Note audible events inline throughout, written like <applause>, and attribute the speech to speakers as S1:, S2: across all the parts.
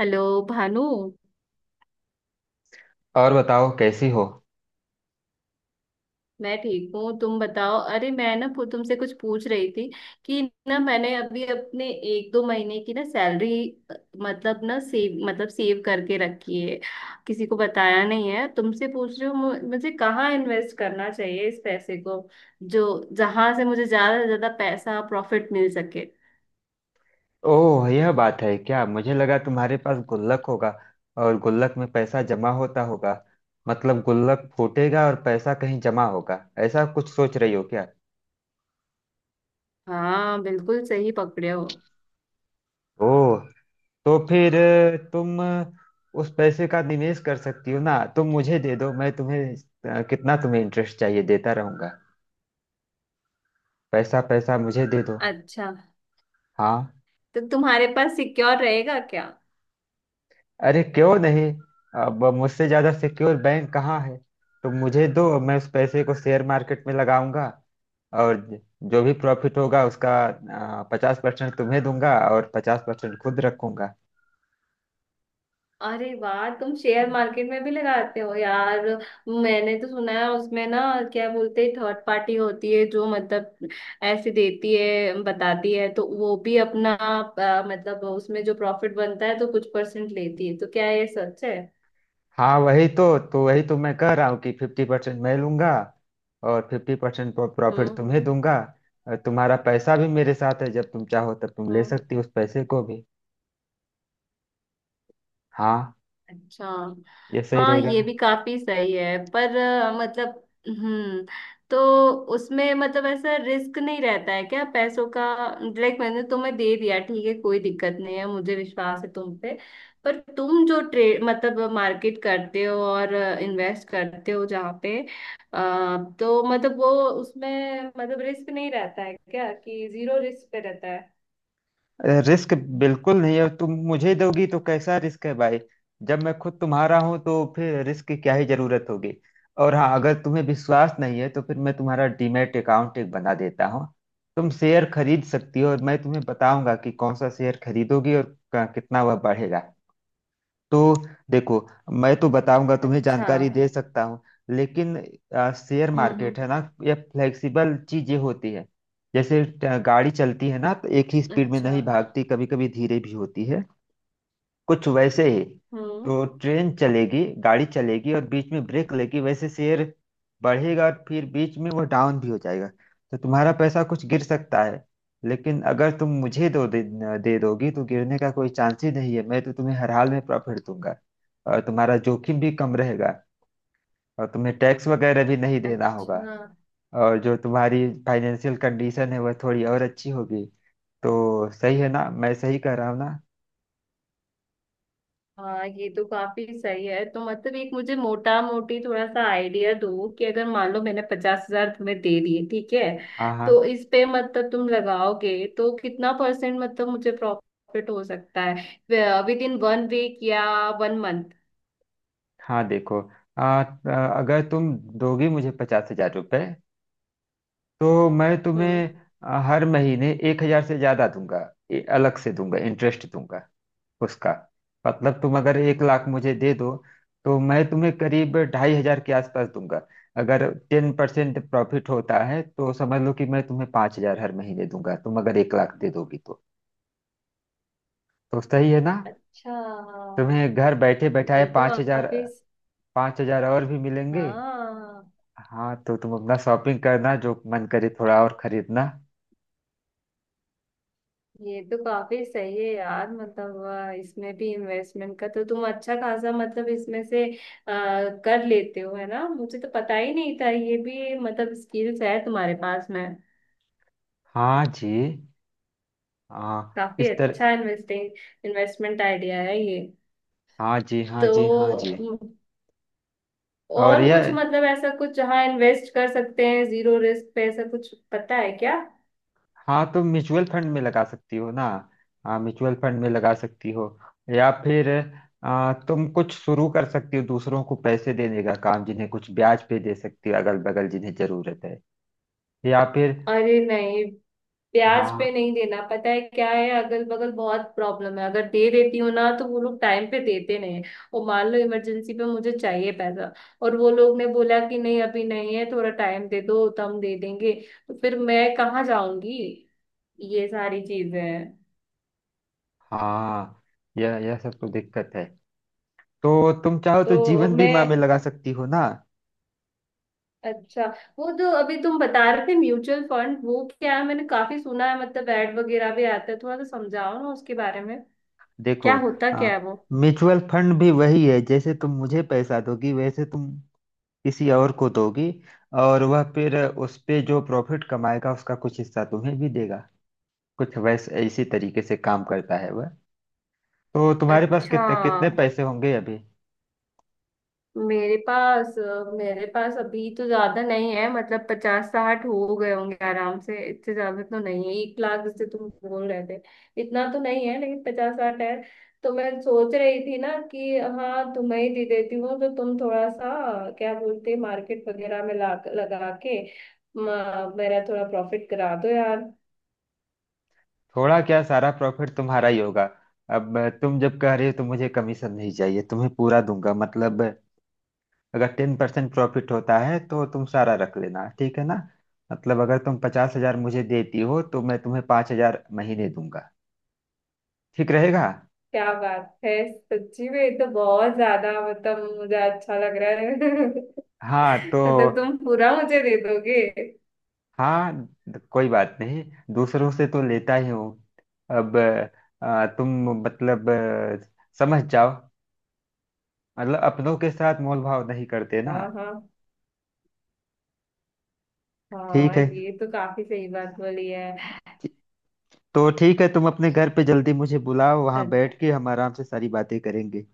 S1: Hello Bhanu.
S2: और बताओ कैसी हो।
S1: मैं ठीक हूँ तुम बताओ। अरे मैं ना तुमसे कुछ पूछ रही थी कि ना मैंने अभी अपने एक दो महीने की ना सैलरी मतलब ना सेव मतलब सेव करके रखी है। किसी को बताया नहीं है तुमसे पूछ रही हूँ, मुझे कहाँ इन्वेस्ट करना चाहिए इस पैसे को, जो जहां से मुझे ज्यादा से ज्यादा पैसा प्रॉफिट मिल सके।
S2: ओह, यह बात है क्या। मुझे लगा तुम्हारे पास गुल्लक होगा और गुल्लक में पैसा जमा होता होगा। मतलब गुल्लक फूटेगा और पैसा कहीं जमा होगा। ऐसा कुछ सोच रही हो क्या।
S1: हाँ, बिल्कुल सही पकड़े हो।
S2: ओह। तो फिर तुम उस पैसे का निवेश कर सकती हो ना, तुम मुझे दे दो। मैं तुम्हें कितना तुम्हें इंटरेस्ट चाहिए देता रहूंगा। पैसा पैसा मुझे दे दो।
S1: अच्छा,
S2: हाँ।
S1: तो तुम्हारे पास सिक्योर रहेगा क्या?
S2: अरे क्यों नहीं। अब मुझसे ज्यादा सिक्योर बैंक कहाँ है। तो मुझे दो, मैं उस पैसे को शेयर मार्केट में लगाऊंगा, और जो भी प्रॉफिट होगा उसका 50% तुम्हें दूंगा और 50% खुद रखूंगा।
S1: अरे वाह, तुम शेयर मार्केट में भी लगाते हो यार। मैंने तो सुना है उसमें ना क्या बोलते हैं थर्ड पार्टी होती है जो मतलब ऐसे देती है बताती है, तो वो भी अपना मतलब उसमें जो प्रॉफिट बनता है तो कुछ परसेंट लेती है, तो क्या ये सच है?
S2: हाँ, वही तो मैं कह रहा हूँ कि 50% मैं लूंगा और 50% प्रॉफिट तुम्हें
S1: हम्म,
S2: दूंगा। और तुम्हारा पैसा भी मेरे साथ है, जब तुम चाहो तब तुम ले
S1: हम्म,
S2: सकती हो उस पैसे को भी। हाँ।
S1: अच्छा।
S2: ये सही
S1: हाँ
S2: रहेगा
S1: ये
S2: ना।
S1: भी काफी सही है, पर मतलब तो उसमें मतलब ऐसा रिस्क नहीं रहता है क्या पैसों का? लाइक मैंने तुम्हें दे दिया, ठीक है कोई दिक्कत नहीं है, मुझे विश्वास है तुम पे। पर तुम जो ट्रेड मतलब मार्केट करते हो और इन्वेस्ट करते हो जहाँ पे अ, तो मतलब वो उसमें मतलब रिस्क नहीं रहता है क्या, कि जीरो रिस्क पे रहता है?
S2: रिस्क बिल्कुल नहीं है, तुम मुझे दोगी तो कैसा रिस्क है भाई। जब मैं खुद तुम्हारा हूं तो फिर रिस्क की क्या ही जरूरत होगी। और हाँ, अगर तुम्हें विश्वास नहीं है तो फिर मैं तुम्हारा डीमैट अकाउंट एक बना देता हूँ। तुम शेयर खरीद सकती हो और मैं तुम्हें बताऊंगा कि कौन सा शेयर खरीदोगी और कितना वह बढ़ेगा। तो देखो, मैं तो बताऊंगा, तुम्हें
S1: अच्छा।
S2: जानकारी दे सकता हूँ, लेकिन शेयर
S1: हम्म, हम्म,
S2: मार्केट है ना, ये फ्लेक्सिबल चीजें होती है। जैसे गाड़ी चलती है ना, तो एक ही स्पीड में
S1: अच्छा।
S2: नहीं भागती, कभी कभी धीरे भी होती है। कुछ वैसे ही।
S1: हम्म,
S2: तो ट्रेन चलेगी, गाड़ी चलेगी और बीच में ब्रेक लेगी, वैसे शेयर बढ़ेगा और फिर बीच में वो डाउन भी हो जाएगा। तो तुम्हारा पैसा कुछ गिर सकता है, लेकिन अगर तुम मुझे दे दोगी तो गिरने का कोई चांस ही नहीं है। मैं तो तुम्हें हर हाल में प्रॉफिट दूंगा और तुम्हारा जोखिम भी कम रहेगा और तुम्हें टैक्स वगैरह भी नहीं देना होगा
S1: अच्छा।
S2: और जो तुम्हारी फाइनेंशियल कंडीशन है वह थोड़ी और अच्छी होगी। तो सही है ना, मैं सही कह रहा हूँ ना।
S1: हाँ ये तो काफी सही है। तो मतलब एक मुझे मोटा मोटी थोड़ा सा आइडिया दो कि अगर मान लो मैंने पचास हजार तुम्हें दे दिए, ठीक है?
S2: हाँ
S1: तो
S2: हाँ
S1: इस पे मतलब तुम लगाओगे तो कितना परसेंट मतलब मुझे प्रॉफिट हो सकता है विद इन वन वीक या वन मंथ?
S2: हाँ। देखो आ, आ, अगर तुम दोगी मुझे 50,000 रुपये तो मैं
S1: हम्म।
S2: तुम्हें हर महीने 1,000 से ज्यादा दूंगा। अलग से दूंगा, इंटरेस्ट दूंगा उसका। मतलब तुम अगर 1 लाख मुझे दे दो तो मैं तुम्हें करीब 2,500 के आसपास दूंगा। अगर 10% प्रॉफिट होता है तो समझ लो कि मैं तुम्हें 5,000 हर महीने दूंगा, तुम अगर एक लाख दे दोगी तो। तो सही है ना।
S1: अच्छा।
S2: तुम्हें घर बैठे बैठाए
S1: ये तो
S2: 5,000,
S1: काफी
S2: 5,000 और भी मिलेंगे।
S1: हाँ,
S2: हाँ, तो तुम अपना शॉपिंग करना, जो मन करे थोड़ा और खरीदना।
S1: ये तो काफी सही है यार। मतलब इसमें भी इन्वेस्टमेंट का तो तुम अच्छा खासा मतलब इसमें से अ, कर लेते हो है ना, मुझे तो पता ही नहीं था ये भी मतलब स्किल्स है तुम्हारे पास में।
S2: हाँ जी। हाँ
S1: काफी
S2: इस तरह।
S1: अच्छा इन्वेस्टिंग इन्वेस्टमेंट आइडिया है ये।
S2: हाँ जी हाँ
S1: तो
S2: जी हाँ जी।
S1: म,
S2: और
S1: और
S2: यह,
S1: कुछ मतलब ऐसा कुछ जहाँ इन्वेस्ट कर सकते हैं जीरो रिस्क पे, ऐसा कुछ पता है क्या?
S2: हाँ तुम म्यूचुअल फंड में लगा सकती हो ना। हाँ म्यूचुअल फंड में लगा सकती हो, या फिर तुम कुछ शुरू कर सकती हो दूसरों को पैसे देने का काम, जिन्हें कुछ ब्याज पे दे सकती हो, अगल बगल जिन्हें जरूरत है। या फिर
S1: अरे नहीं, प्याज पे
S2: हाँ।
S1: नहीं देना, पता है क्या है अगल बगल बहुत प्रॉब्लम है, अगर दे देती हूँ ना तो वो लोग टाइम पे देते नहीं हैं। और मान लो इमरजेंसी पे मुझे चाहिए पैसा और वो लोग ने बोला कि नहीं अभी नहीं है, थोड़ा टाइम दे दो तो हम दे देंगे, तो फिर मैं कहाँ जाऊंगी? ये सारी चीजें हैं।
S2: हाँ, यह सब तो दिक्कत है। तो तुम चाहो तो
S1: तो
S2: जीवन
S1: मैं
S2: बीमा में लगा सकती हो ना।
S1: अच्छा, वो जो अभी तुम बता रहे थे म्यूचुअल फंड वो क्या है? मैंने काफी सुना है, मतलब एड वगैरह भी आता है, थोड़ा सा समझाओ ना उसके बारे में,
S2: देखो
S1: क्या होता
S2: आ,
S1: क्या है वो?
S2: म्यूचुअल फंड भी वही है, जैसे तुम मुझे पैसा दोगी वैसे तुम किसी और को दोगी, और वह फिर उस पे जो प्रॉफिट कमाएगा उसका कुछ हिस्सा तुम्हें भी देगा। कुछ वैसे इसी तरीके से काम करता है वह। तो तुम्हारे पास
S1: अच्छा।
S2: कितने कितने पैसे होंगे अभी।
S1: मेरे पास मेरे पास अभी तो ज्यादा नहीं है, मतलब पचास साठ हो गए होंगे आराम से, इतने ज्यादा तो नहीं है एक लाख जैसे तुम बोल रहे थे, इतना तो नहीं है लेकिन पचास साठ है। तो मैं सोच रही थी ना कि हाँ तुम्हें ही दे देती हूँ, तो तुम थोड़ा सा क्या बोलते मार्केट वगैरह में ला लगा के मेरा थोड़ा प्रॉफिट करा दो यार।
S2: थोड़ा क्या, सारा प्रॉफिट तुम्हारा ही होगा। अब तुम जब कह रहे हो तो मुझे कमीशन नहीं चाहिए, तुम्हें पूरा दूंगा। मतलब अगर 10% प्रॉफिट होता है तो तुम सारा रख लेना, ठीक है ना। मतलब अगर तुम 50,000 मुझे देती हो तो मैं तुम्हें पांच हजार महीने दूंगा, ठीक रहेगा।
S1: क्या बात है, सच्ची में ये तो बहुत ज्यादा मतलब मुझे अच्छा लग रहा है <laughs>
S2: हाँ तो।
S1: मतलब तुम पूरा मुझे दे दोगे?
S2: हाँ, कोई बात नहीं, दूसरों से तो लेता ही हूँ अब। तुम मतलब समझ जाओ, मतलब अपनों के साथ मोल भाव नहीं करते ना।
S1: हाँ, हाँ।
S2: ठीक
S1: हाँ
S2: है।
S1: ये तो काफी सही बात बोली है।
S2: तो ठीक है, तुम अपने घर पे जल्दी मुझे बुलाओ,
S1: अ-
S2: वहां बैठ के हम आराम से सारी बातें करेंगे।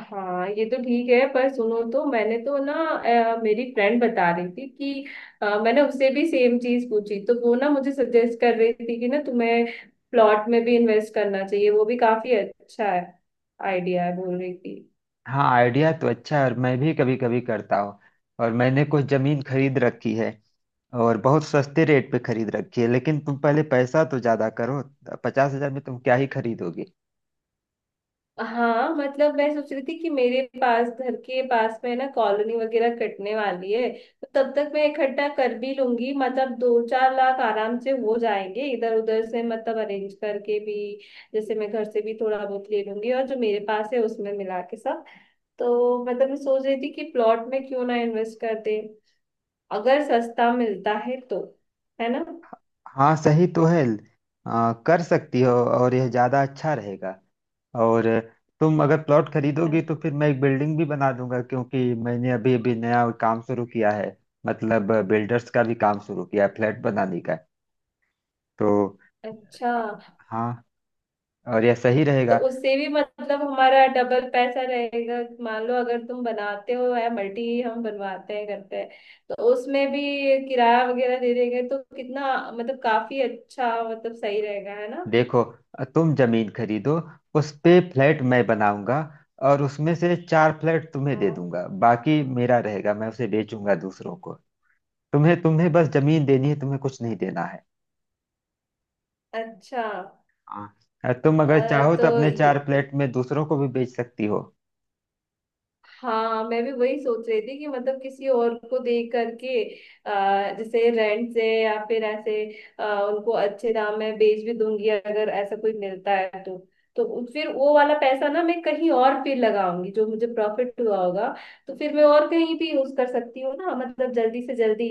S1: हाँ ये तो ठीक है, पर सुनो तो मैंने तो ना मेरी फ्रेंड बता रही थी कि मैंने उससे भी सेम चीज पूछी, तो वो ना मुझे सजेस्ट कर रही थी कि ना तुम्हें प्लॉट में भी इन्वेस्ट करना चाहिए, वो भी काफी अच्छा है आइडिया है बोल रही थी।
S2: हाँ, आइडिया तो अच्छा है और मैं भी कभी कभी करता हूँ, और मैंने कुछ जमीन खरीद रखी है और बहुत सस्ते रेट पे खरीद रखी है, लेकिन तुम पहले पैसा तो ज्यादा करो। 50,000 में तुम क्या ही खरीदोगे।
S1: हाँ मतलब मैं सोच रही थी कि मेरे पास घर के पास में ना कॉलोनी वगैरह कटने वाली है। तो तब तक मैं इकट्ठा कर भी लूंगी, मतलब दो चार लाख आराम से हो जाएंगे इधर उधर से मतलब अरेंज करके भी। जैसे मैं घर से भी थोड़ा बहुत ले लूंगी और जो मेरे पास है उसमें मिला के सब। तो मतलब मैं सोच रही थी कि प्लॉट में क्यों ना इन्वेस्ट कर दे अगर सस्ता मिलता है तो, है ना?
S2: हाँ सही तो है, कर सकती हो और यह ज्यादा अच्छा रहेगा। और तुम अगर प्लॉट
S1: अ-
S2: खरीदोगी तो फिर मैं एक बिल्डिंग भी बना दूंगा, क्योंकि मैंने अभी अभी नया काम शुरू किया है। मतलब बिल्डर्स का भी काम शुरू किया है, फ्लैट बनाने का। तो
S1: अच्छा।
S2: हाँ, और यह सही
S1: तो
S2: रहेगा।
S1: उससे भी मतलब हमारा डबल पैसा रहेगा। मान लो अगर तुम बनाते हो या मल्टी, हम बनवाते हैं करते हैं, तो उसमें भी किराया वगैरह दे देंगे तो कितना मतलब काफी अच्छा मतलब सही रहेगा है ना।
S2: देखो, तुम जमीन खरीदो, उस पे फ्लैट मैं बनाऊंगा और उसमें से चार फ्लैट तुम्हें दे
S1: हाँ,
S2: दूंगा, बाकी मेरा रहेगा, मैं उसे बेचूंगा दूसरों को। तुम्हें तुम्हें बस जमीन देनी है, तुम्हें कुछ नहीं देना है।
S1: अच्छा,
S2: हाँ, तुम अगर
S1: अ,
S2: चाहो तो
S1: तो
S2: अपने
S1: ये
S2: चार फ्लैट में दूसरों को भी बेच सकती हो।
S1: हाँ, मैं भी वही सोच रही थी कि मतलब किसी और को देख करके जैसे रेंट से या फिर ऐसे उनको अच्छे दाम में बेच भी दूंगी, अगर ऐसा कोई मिलता है तो। तो फिर वो वाला पैसा ना मैं कहीं और फिर लगाऊंगी जो मुझे प्रॉफिट हुआ होगा। तो फिर मैं और कहीं भी यूज कर सकती हूँ ना, मतलब जल्दी से जल्दी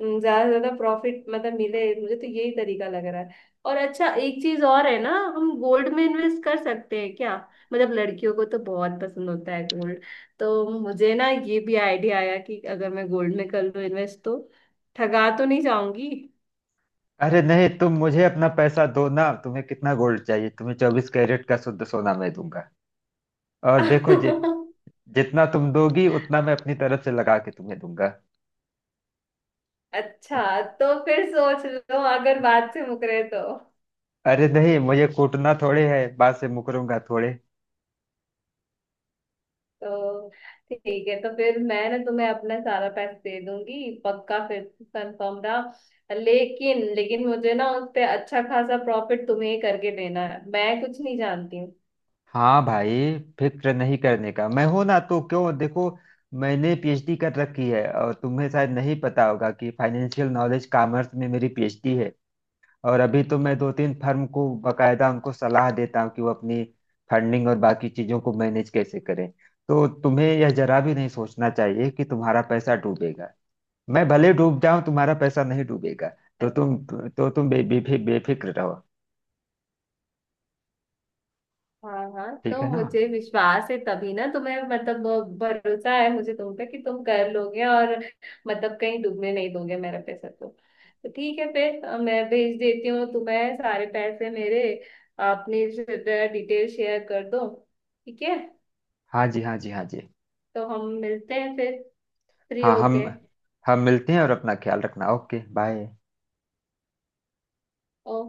S1: ज्यादा से ज्यादा प्रॉफिट मतलब मिले मुझे, तो यही तरीका लग रहा है। और अच्छा एक चीज और है ना, हम गोल्ड में इन्वेस्ट कर सकते हैं क्या? मतलब लड़कियों को तो बहुत पसंद होता है। तो मुझे ना ये भी आइडिया आया कि अगर मैं गोल्ड में कर लूँ इन्वेस्ट तो ठगा तो नहीं जाऊंगी?
S2: अरे नहीं, तुम मुझे अपना पैसा दो ना, तुम्हें कितना गोल्ड चाहिए, तुम्हें 24 कैरेट का शुद्ध सोना मैं दूंगा। और देखो
S1: <laughs>
S2: जितना तुम दोगी उतना मैं अपनी तरफ से लगा के तुम्हें दूंगा।
S1: अच्छा, तो फिर सोच लो अगर बात से मुकरे तो।
S2: अरे नहीं, मुझे कूटना थोड़े है, बात से मुकरूंगा थोड़े।
S1: तो ठीक है, तो फिर मैं ना तुम्हें अपना सारा पैसा दे दूंगी पक्का, फिर कंफर्म रहा, लेकिन लेकिन मुझे ना उस पे अच्छा खासा प्रॉफिट तुम्हें ही करके देना है, मैं कुछ नहीं जानती।
S2: हाँ भाई, फिक्र नहीं करने का, मैं हूं ना, तो क्यों। देखो मैंने पीएचडी कर रखी है और तुम्हें शायद नहीं पता होगा कि फाइनेंशियल नॉलेज कॉमर्स में मेरी पीएचडी है। और अभी तो मैं दो तीन फर्म को बकायदा उनको सलाह देता हूँ कि वो अपनी फंडिंग और बाकी चीजों को मैनेज कैसे करें। तो तुम्हें यह जरा भी नहीं सोचना चाहिए कि तुम्हारा पैसा डूबेगा, मैं भले डूब जाऊं तुम्हारा पैसा नहीं डूबेगा। तो
S1: हूँ।
S2: तुम तो तुम बेफिक्र रहो।
S1: हाँ, हाँ,
S2: ठीक
S1: तो
S2: है ना।
S1: मुझे विश्वास है तभी ना तुम्हें, मतलब भरोसा है मुझे तुम पे कि तुम कर लोगे और मतलब कहीं डूबने नहीं दोगे मेरा पैसा, तो ठीक है फिर। मैं भेज देती हूँ तुम्हें सारे पैसे मेरे, अपनी डिटेल शेयर कर दो, ठीक है।
S2: हाँ जी हाँ जी हाँ जी।
S1: तो हम मिलते हैं फिर, फ्री
S2: हाँ हम
S1: होके।
S2: हम मिलते हैं और अपना ख्याल रखना, ओके बाय।